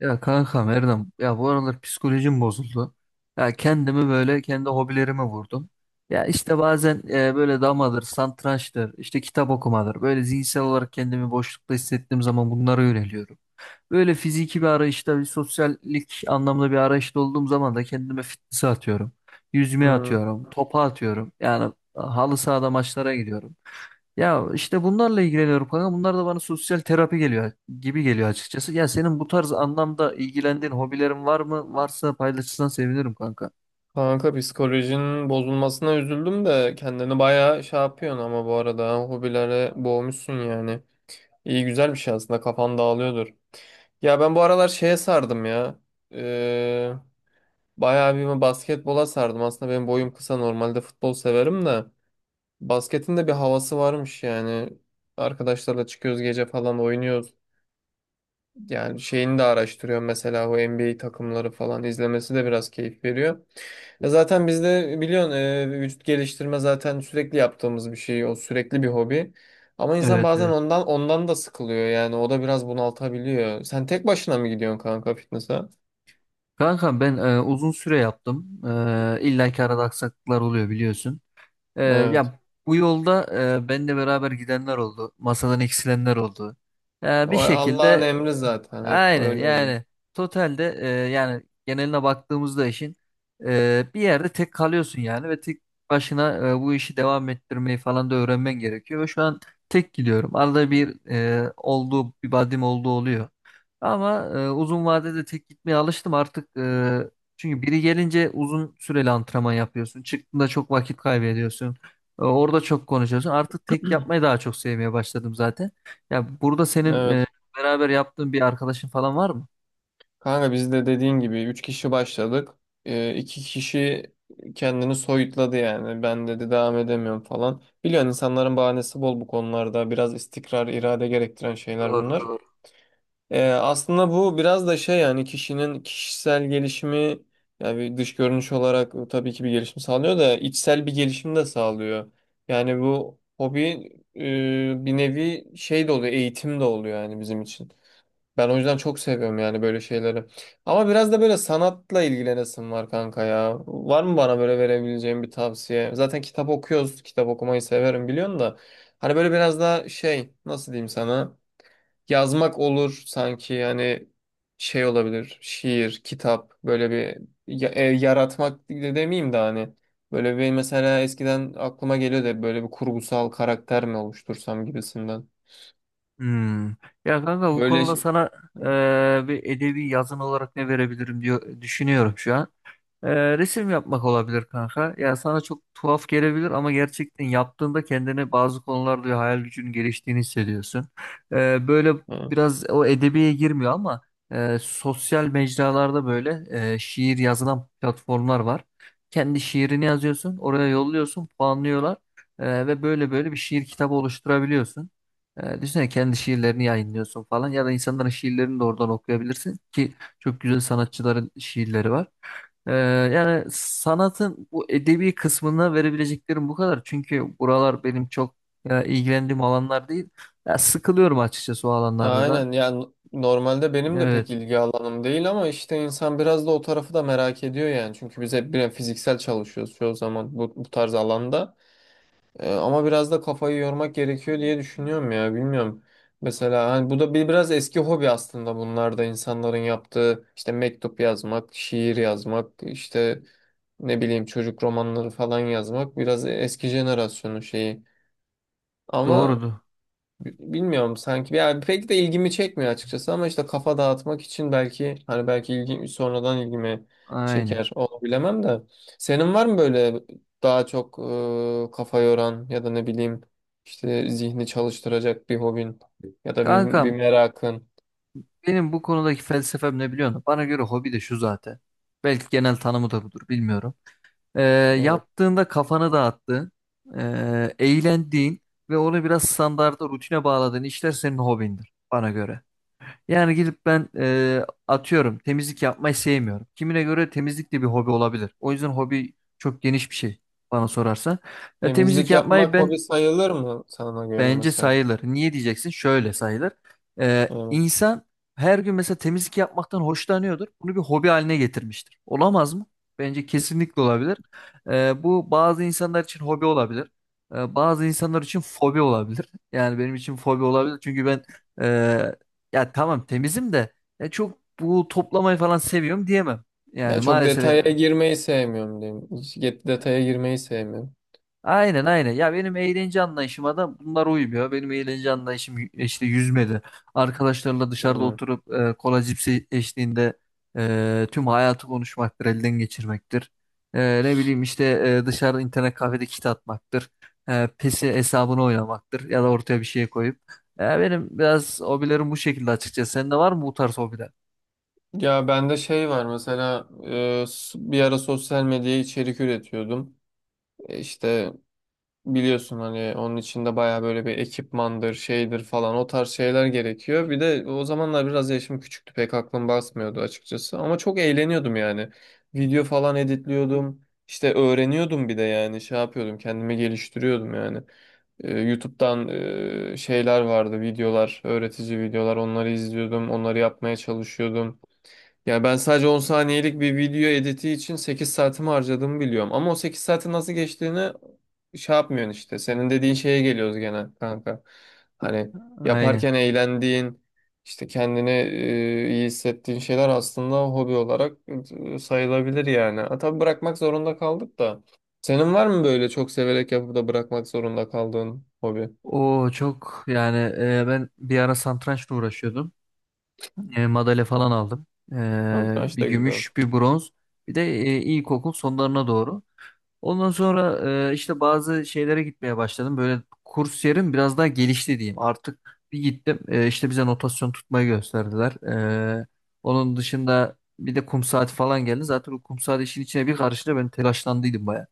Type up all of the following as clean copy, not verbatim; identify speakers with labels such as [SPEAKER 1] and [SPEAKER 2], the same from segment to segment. [SPEAKER 1] Ya kankam Erdem ya bu aralar psikolojim bozuldu. Ya kendimi böyle kendi hobilerime vurdum. Ya işte bazen böyle damadır, satrançtır, işte kitap okumadır. Böyle zihinsel olarak kendimi boşlukta hissettiğim zaman bunlara yöneliyorum. Böyle fiziki bir arayışta, bir sosyallik anlamda bir arayışta olduğum zaman da kendime fitness'e atıyorum. Yüzmeye
[SPEAKER 2] Hmm.
[SPEAKER 1] atıyorum, topa atıyorum. Yani halı sahada maçlara gidiyorum. Ya işte bunlarla ilgileniyorum kanka. Bunlar da bana sosyal terapi geliyor gibi geliyor açıkçası. Ya senin bu tarz anlamda ilgilendiğin hobilerin var mı? Varsa paylaşırsan sevinirim kanka.
[SPEAKER 2] Kanka psikolojinin bozulmasına üzüldüm de kendini bayağı şey yapıyorsun ama bu arada ha, hobilere boğmuşsun yani. İyi güzel bir şey aslında kafan dağılıyordur. Ya ben bu aralar şeye sardım ya. Ee, Bayağı bir basketbola sardım. Aslında benim boyum kısa normalde futbol severim de. Basketin de bir havası varmış yani. Arkadaşlarla çıkıyoruz gece falan oynuyoruz. Yani şeyini de araştırıyorum mesela o NBA takımları falan izlemesi de biraz keyif veriyor. Ya zaten bizde biliyorsun vücut geliştirme zaten sürekli yaptığımız bir şey. O sürekli bir hobi. Ama insan
[SPEAKER 1] Evet,
[SPEAKER 2] bazen
[SPEAKER 1] evet.
[SPEAKER 2] ondan da sıkılıyor yani o da biraz bunaltabiliyor. Sen tek başına mı gidiyorsun kanka fitness'a?
[SPEAKER 1] Kanka ben uzun süre yaptım. İlla ki arada aksaklıklar oluyor biliyorsun.
[SPEAKER 2] Evet.
[SPEAKER 1] Ya bu yolda benimle beraber gidenler oldu. Masadan eksilenler oldu.
[SPEAKER 2] O
[SPEAKER 1] Bir şekilde
[SPEAKER 2] Allah'ın emri zaten hep
[SPEAKER 1] aynı
[SPEAKER 2] böyle oluyor.
[SPEAKER 1] yani totalde yani geneline baktığımızda işin bir yerde tek kalıyorsun yani ve tek başına bu işi devam ettirmeyi falan da öğrenmen gerekiyor. Ve şu an tek gidiyorum. Arada bir olduğu bir badim olduğu oluyor. Ama uzun vadede tek gitmeye alıştım artık. Çünkü biri gelince uzun süreli antrenman yapıyorsun. Çıktığında çok vakit kaybediyorsun. Orada çok konuşuyorsun. Artık tek yapmayı daha çok sevmeye başladım zaten. Ya burada senin
[SPEAKER 2] Evet.
[SPEAKER 1] beraber yaptığın bir arkadaşın falan var mı?
[SPEAKER 2] Kanka biz de dediğin gibi 3 kişi başladık. İki kişi kendini soyutladı yani. Ben dedi devam edemiyorum falan. Biliyorsun insanların bahanesi bol bu konularda. Biraz istikrar, irade gerektiren şeyler
[SPEAKER 1] Doğru
[SPEAKER 2] bunlar.
[SPEAKER 1] doğru.
[SPEAKER 2] Aslında bu biraz da şey yani kişinin kişisel gelişimi yani bir dış görünüş olarak tabii ki bir gelişim sağlıyor da içsel bir gelişim de sağlıyor. Yani bu hobi bir nevi şey de oluyor, eğitim de oluyor yani bizim için. Ben o yüzden çok seviyorum yani böyle şeyleri. Ama biraz da böyle sanatla ilgilenesim var kanka ya. Var mı bana böyle verebileceğim bir tavsiye? Zaten kitap okuyoruz. Kitap okumayı severim biliyorsun da. Hani böyle biraz daha şey nasıl diyeyim sana? Yazmak olur sanki hani şey olabilir. Şiir, kitap böyle bir yaratmak de demeyeyim de hani. Böyle bir mesela eskiden aklıma geliyor da böyle bir kurgusal karakter mi oluştursam gibisinden.
[SPEAKER 1] Hmm. Ya kanka bu
[SPEAKER 2] Böyle
[SPEAKER 1] konuda
[SPEAKER 2] şey.
[SPEAKER 1] sana bir edebi yazın olarak ne verebilirim diyor düşünüyorum şu an. Resim yapmak olabilir kanka. Ya sana çok tuhaf gelebilir ama gerçekten yaptığında kendine bazı konularda hayal gücünün geliştiğini hissediyorsun. Böyle
[SPEAKER 2] Hı.
[SPEAKER 1] biraz o edebiye girmiyor ama sosyal mecralarda böyle şiir yazılan platformlar var. Kendi şiirini yazıyorsun, oraya yolluyorsun, puanlıyorlar. Ve böyle bir şiir kitabı oluşturabiliyorsun. Düşünsene kendi şiirlerini yayınlıyorsun falan ya da insanların şiirlerini de oradan okuyabilirsin ki çok güzel sanatçıların şiirleri var. Ee, yani sanatın bu edebi kısmına verebileceklerim bu kadar. Çünkü buralar benim çok ilgilendiğim alanlar değil. Ya sıkılıyorum açıkçası o alanlarda da.
[SPEAKER 2] Aynen yani normalde benim de pek
[SPEAKER 1] Evet,
[SPEAKER 2] ilgi alanım değil ama işte insan biraz da o tarafı da merak ediyor yani. Çünkü biz hep bir fiziksel çalışıyoruz çoğu zaman bu tarz alanda. Ama biraz da kafayı yormak gerekiyor diye düşünüyorum ya bilmiyorum. Mesela hani bu da bir biraz eski hobi aslında bunlar da insanların yaptığı işte mektup yazmak, şiir yazmak, işte ne bileyim çocuk romanları falan yazmak biraz eski jenerasyonun şeyi. Ama
[SPEAKER 1] doğrudur.
[SPEAKER 2] bilmiyorum sanki yani pek de ilgimi çekmiyor açıkçası ama işte kafa dağıtmak için belki hani belki ilgi sonradan ilgimi
[SPEAKER 1] Aynen.
[SPEAKER 2] çeker onu bilemem de senin var mı böyle daha çok kafa yoran ya da ne bileyim işte zihni çalıştıracak bir hobin ya da bir
[SPEAKER 1] Kankam,
[SPEAKER 2] merakın
[SPEAKER 1] benim bu konudaki felsefem ne biliyor musun? Bana göre hobi de şu zaten. Belki genel tanımı da budur, bilmiyorum. Ee,
[SPEAKER 2] evet.
[SPEAKER 1] yaptığında kafanı dağıttığın, eğlendiğin ve onu biraz standarda rutine bağladığın işler senin hobindir bana göre. Yani gidip ben atıyorum temizlik yapmayı sevmiyorum. Kimine göre temizlik de bir hobi olabilir. O yüzden hobi çok geniş bir şey bana sorarsa. Ya temizlik
[SPEAKER 2] Temizlik
[SPEAKER 1] yapmayı
[SPEAKER 2] yapmak
[SPEAKER 1] ben,
[SPEAKER 2] hobi sayılır mı sana göre
[SPEAKER 1] bence
[SPEAKER 2] mesela
[SPEAKER 1] sayılır. Niye diyeceksin? Şöyle sayılır.
[SPEAKER 2] evet.
[SPEAKER 1] İnsan her gün mesela temizlik yapmaktan hoşlanıyordur. Bunu bir hobi haline getirmiştir. Olamaz mı? Bence kesinlikle olabilir. Bu bazı insanlar için hobi olabilir. Bazı insanlar için fobi olabilir. Yani benim için fobi olabilir. Çünkü ben e, ya tamam temizim de ya çok bu toplamayı falan seviyorum diyemem. Yani
[SPEAKER 2] Ya çok
[SPEAKER 1] maalesef
[SPEAKER 2] detaya girmeyi sevmiyorum diyeyim. Detaya girmeyi sevmiyorum.
[SPEAKER 1] aynen aynen. Ya benim eğlence anlayışıma da bunlar uymuyor. Benim eğlence anlayışım işte yüzmedi. Arkadaşlarla dışarıda
[SPEAKER 2] Hmm.
[SPEAKER 1] oturup kola cipsi eşliğinde tüm hayatı konuşmaktır, elden geçirmektir. Ne bileyim işte dışarıda internet kafede kit atmaktır. PES'i hesabını oynamaktır ya da ortaya bir şey koyup. Benim biraz hobilerim bu şekilde açıkçası. Sende var mı bu tarz hobiler?
[SPEAKER 2] Ya bende şey var mesela bir ara sosyal medyaya içerik üretiyordum. E, İşte biliyorsun hani onun için de baya böyle bir ekipmandır şeydir falan o tarz şeyler gerekiyor. Bir de o zamanlar biraz yaşım küçüktü pek aklım basmıyordu açıkçası ama çok eğleniyordum yani. Video falan editliyordum işte öğreniyordum bir de yani şey yapıyordum kendimi geliştiriyordum yani. YouTube'dan şeyler vardı videolar öğretici videolar onları izliyordum onları yapmaya çalışıyordum. Ya ben sadece 10 saniyelik bir video editi için sekiz saatimi harcadığımı biliyorum. Ama o 8 saatin nasıl geçtiğini şey yapmıyorsun işte. Senin dediğin şeye geliyoruz gene kanka. Hani
[SPEAKER 1] Aynen.
[SPEAKER 2] yaparken eğlendiğin, işte kendini iyi hissettiğin şeyler aslında hobi olarak sayılabilir yani. Ha, tabii bırakmak zorunda kaldık da. Senin var mı böyle çok severek yapıp da bırakmak zorunda kaldığın hobi?
[SPEAKER 1] O çok yani ben bir ara satrançla uğraşıyordum. Madalya falan aldım.
[SPEAKER 2] Satranç
[SPEAKER 1] Bir
[SPEAKER 2] da güzel.
[SPEAKER 1] gümüş, bir bronz. Bir de ilkokul sonlarına doğru. Ondan sonra işte bazı şeylere gitmeye başladım. Böyle kurs yerim biraz daha gelişti diyeyim. Artık bir gittim. İşte bize notasyon tutmayı gösterdiler. E, onun dışında bir de kum saati falan geldi. Zaten o kum saati işin içine bir karıştı. Ben telaşlandıydım baya.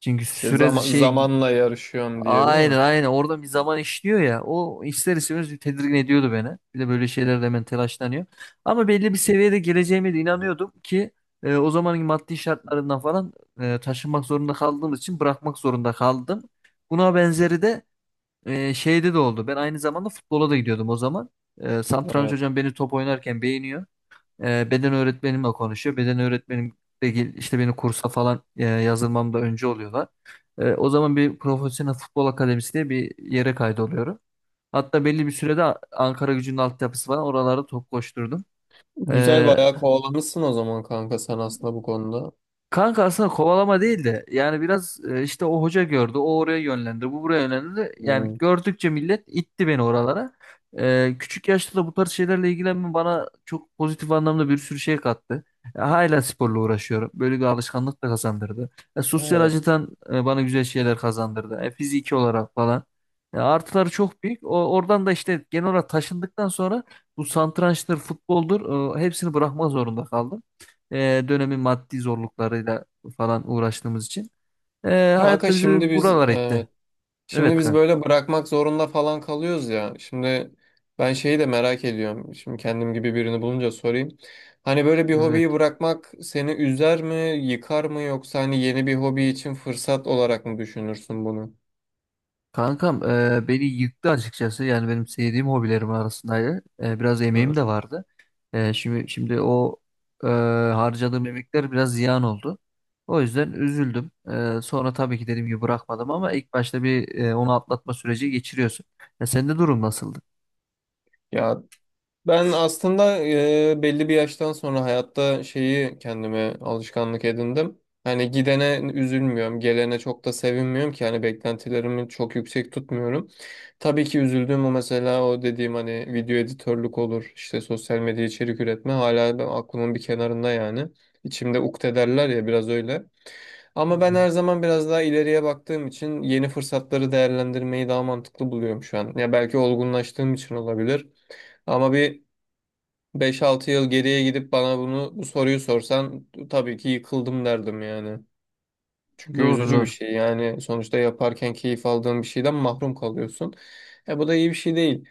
[SPEAKER 1] Çünkü
[SPEAKER 2] Şey,
[SPEAKER 1] süre şey
[SPEAKER 2] zamanla yarışıyorum diye değil
[SPEAKER 1] aynen
[SPEAKER 2] mi?
[SPEAKER 1] aynen orada bir zaman işliyor ya o ister istemez bir tedirgin ediyordu beni. Bir de böyle şeylerde hemen telaşlanıyor. Ama belli bir seviyede geleceğime de inanıyordum ki o zamanın maddi şartlarından falan taşınmak zorunda kaldığım için bırakmak zorunda kaldım. Buna benzeri de şeyde de oldu. Ben aynı zamanda futbola da gidiyordum o zaman. Satranç
[SPEAKER 2] Evet.
[SPEAKER 1] hocam beni top oynarken beğeniyor. Beden öğretmenimle konuşuyor. Beden öğretmenim de işte beni kursa falan yazılmamda önce oluyorlar. O zaman bir profesyonel futbol akademisi diye bir yere kaydoluyorum. Hatta belli bir sürede Ankara Gücü'nün altyapısı var. Oralarda top koşturdum.
[SPEAKER 2] Güzel
[SPEAKER 1] E,
[SPEAKER 2] bayağı kovalamışsın o zaman kanka sen aslında bu konuda.
[SPEAKER 1] Kanka aslında kovalama değil de yani biraz işte o hoca gördü o oraya yönlendi bu buraya yönlendi yani
[SPEAKER 2] Hmm.
[SPEAKER 1] gördükçe millet itti beni oralara. Küçük yaşta da bu tarz şeylerle ilgilenmem bana çok pozitif anlamda bir sürü şey kattı. Hala sporla uğraşıyorum böyle bir alışkanlık da kazandırdı. Sosyal
[SPEAKER 2] Evet.
[SPEAKER 1] açıdan bana güzel şeyler kazandırdı. Fiziki olarak falan. Artıları çok büyük o, oradan da işte genel olarak taşındıktan sonra bu satrançtır futboldur hepsini bırakmak zorunda kaldım dönemin maddi zorluklarıyla falan uğraştığımız için e,
[SPEAKER 2] Kanka
[SPEAKER 1] hayatta
[SPEAKER 2] şimdi
[SPEAKER 1] bizi
[SPEAKER 2] biz
[SPEAKER 1] buralar
[SPEAKER 2] e,
[SPEAKER 1] etti. Evet
[SPEAKER 2] şimdi biz
[SPEAKER 1] kanka.
[SPEAKER 2] böyle bırakmak zorunda falan kalıyoruz ya. Şimdi ben şeyi de merak ediyorum. Şimdi kendim gibi birini bulunca sorayım. Hani böyle bir hobiyi
[SPEAKER 1] Evet.
[SPEAKER 2] bırakmak seni üzer mi, yıkar mı yoksa hani yeni bir hobi için fırsat olarak mı düşünürsün bunu?
[SPEAKER 1] Kankam beni yıktı açıkçası. Yani benim sevdiğim hobilerim arasındaydı. Biraz emeğim
[SPEAKER 2] Hı.
[SPEAKER 1] de vardı. Şimdi o e, harcadığım emekler biraz ziyan oldu. O yüzden üzüldüm. Sonra tabii ki dediğim gibi bırakmadım ama ilk başta bir onu atlatma süreci geçiriyorsun. Ya sende durum nasıldı?
[SPEAKER 2] Ya Ben aslında belli bir yaştan sonra hayatta şeyi kendime alışkanlık edindim. Hani gidene üzülmüyorum, gelene çok da sevinmiyorum ki hani beklentilerimi çok yüksek tutmuyorum. Tabii ki üzüldüğüm o mesela o dediğim hani video editörlük olur, işte sosyal medya içerik üretme hala ben aklımın bir kenarında yani. İçimde ukde derler ya biraz öyle. Ama ben
[SPEAKER 1] Hmm.
[SPEAKER 2] her zaman biraz daha ileriye baktığım için yeni fırsatları değerlendirmeyi daha mantıklı buluyorum şu an. Ya belki olgunlaştığım için olabilir. Ama bir Beş altı yıl geriye gidip bana bu soruyu sorsan tabii ki yıkıldım derdim yani. Çünkü
[SPEAKER 1] Doğru
[SPEAKER 2] üzücü bir
[SPEAKER 1] doğru.
[SPEAKER 2] şey. Yani sonuçta yaparken keyif aldığın bir şeyden mahrum kalıyorsun. Bu da iyi bir şey değil.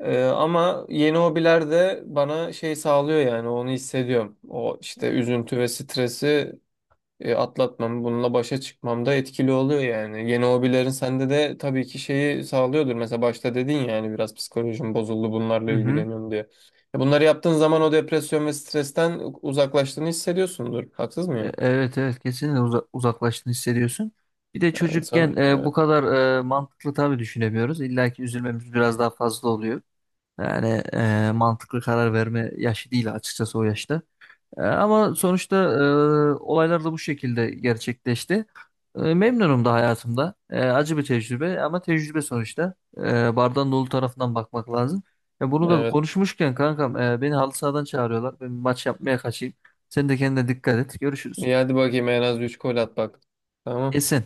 [SPEAKER 2] Ama yeni hobiler de bana şey sağlıyor yani onu hissediyorum. O işte üzüntü ve stresi atlatmam, bununla başa çıkmam da etkili oluyor yani. Yeni hobilerin sende de tabii ki şeyi sağlıyordur. Mesela başta dedin ya yani biraz psikolojim bozuldu
[SPEAKER 1] Hı
[SPEAKER 2] bunlarla
[SPEAKER 1] hı.
[SPEAKER 2] ilgileniyorum diye. E, bunları yaptığın zaman o depresyon ve stresten uzaklaştığını hissediyorsundur. Haksız mıyım?
[SPEAKER 1] Evet evet kesinlikle uzaklaştığını hissediyorsun. Bir de
[SPEAKER 2] Yani
[SPEAKER 1] çocukken
[SPEAKER 2] sanırım.
[SPEAKER 1] bu
[SPEAKER 2] Evet.
[SPEAKER 1] kadar mantıklı tabii düşünemiyoruz. İlla ki üzülmemiz biraz daha fazla oluyor. Yani mantıklı karar verme yaşı değil açıkçası o yaşta. Ama sonuçta olaylar da bu şekilde gerçekleşti. Memnunum da hayatımda. Acı bir tecrübe ama tecrübe sonuçta. Bardağın dolu tarafından bakmak lazım. Ya bunu da
[SPEAKER 2] Evet.
[SPEAKER 1] konuşmuşken kankam beni halı sahadan çağırıyorlar. Ben bir maç yapmaya kaçayım. Sen de kendine dikkat et. Görüşürüz.
[SPEAKER 2] İyi hadi bakayım en az 3 gol at bak. Tamam.
[SPEAKER 1] Kesin.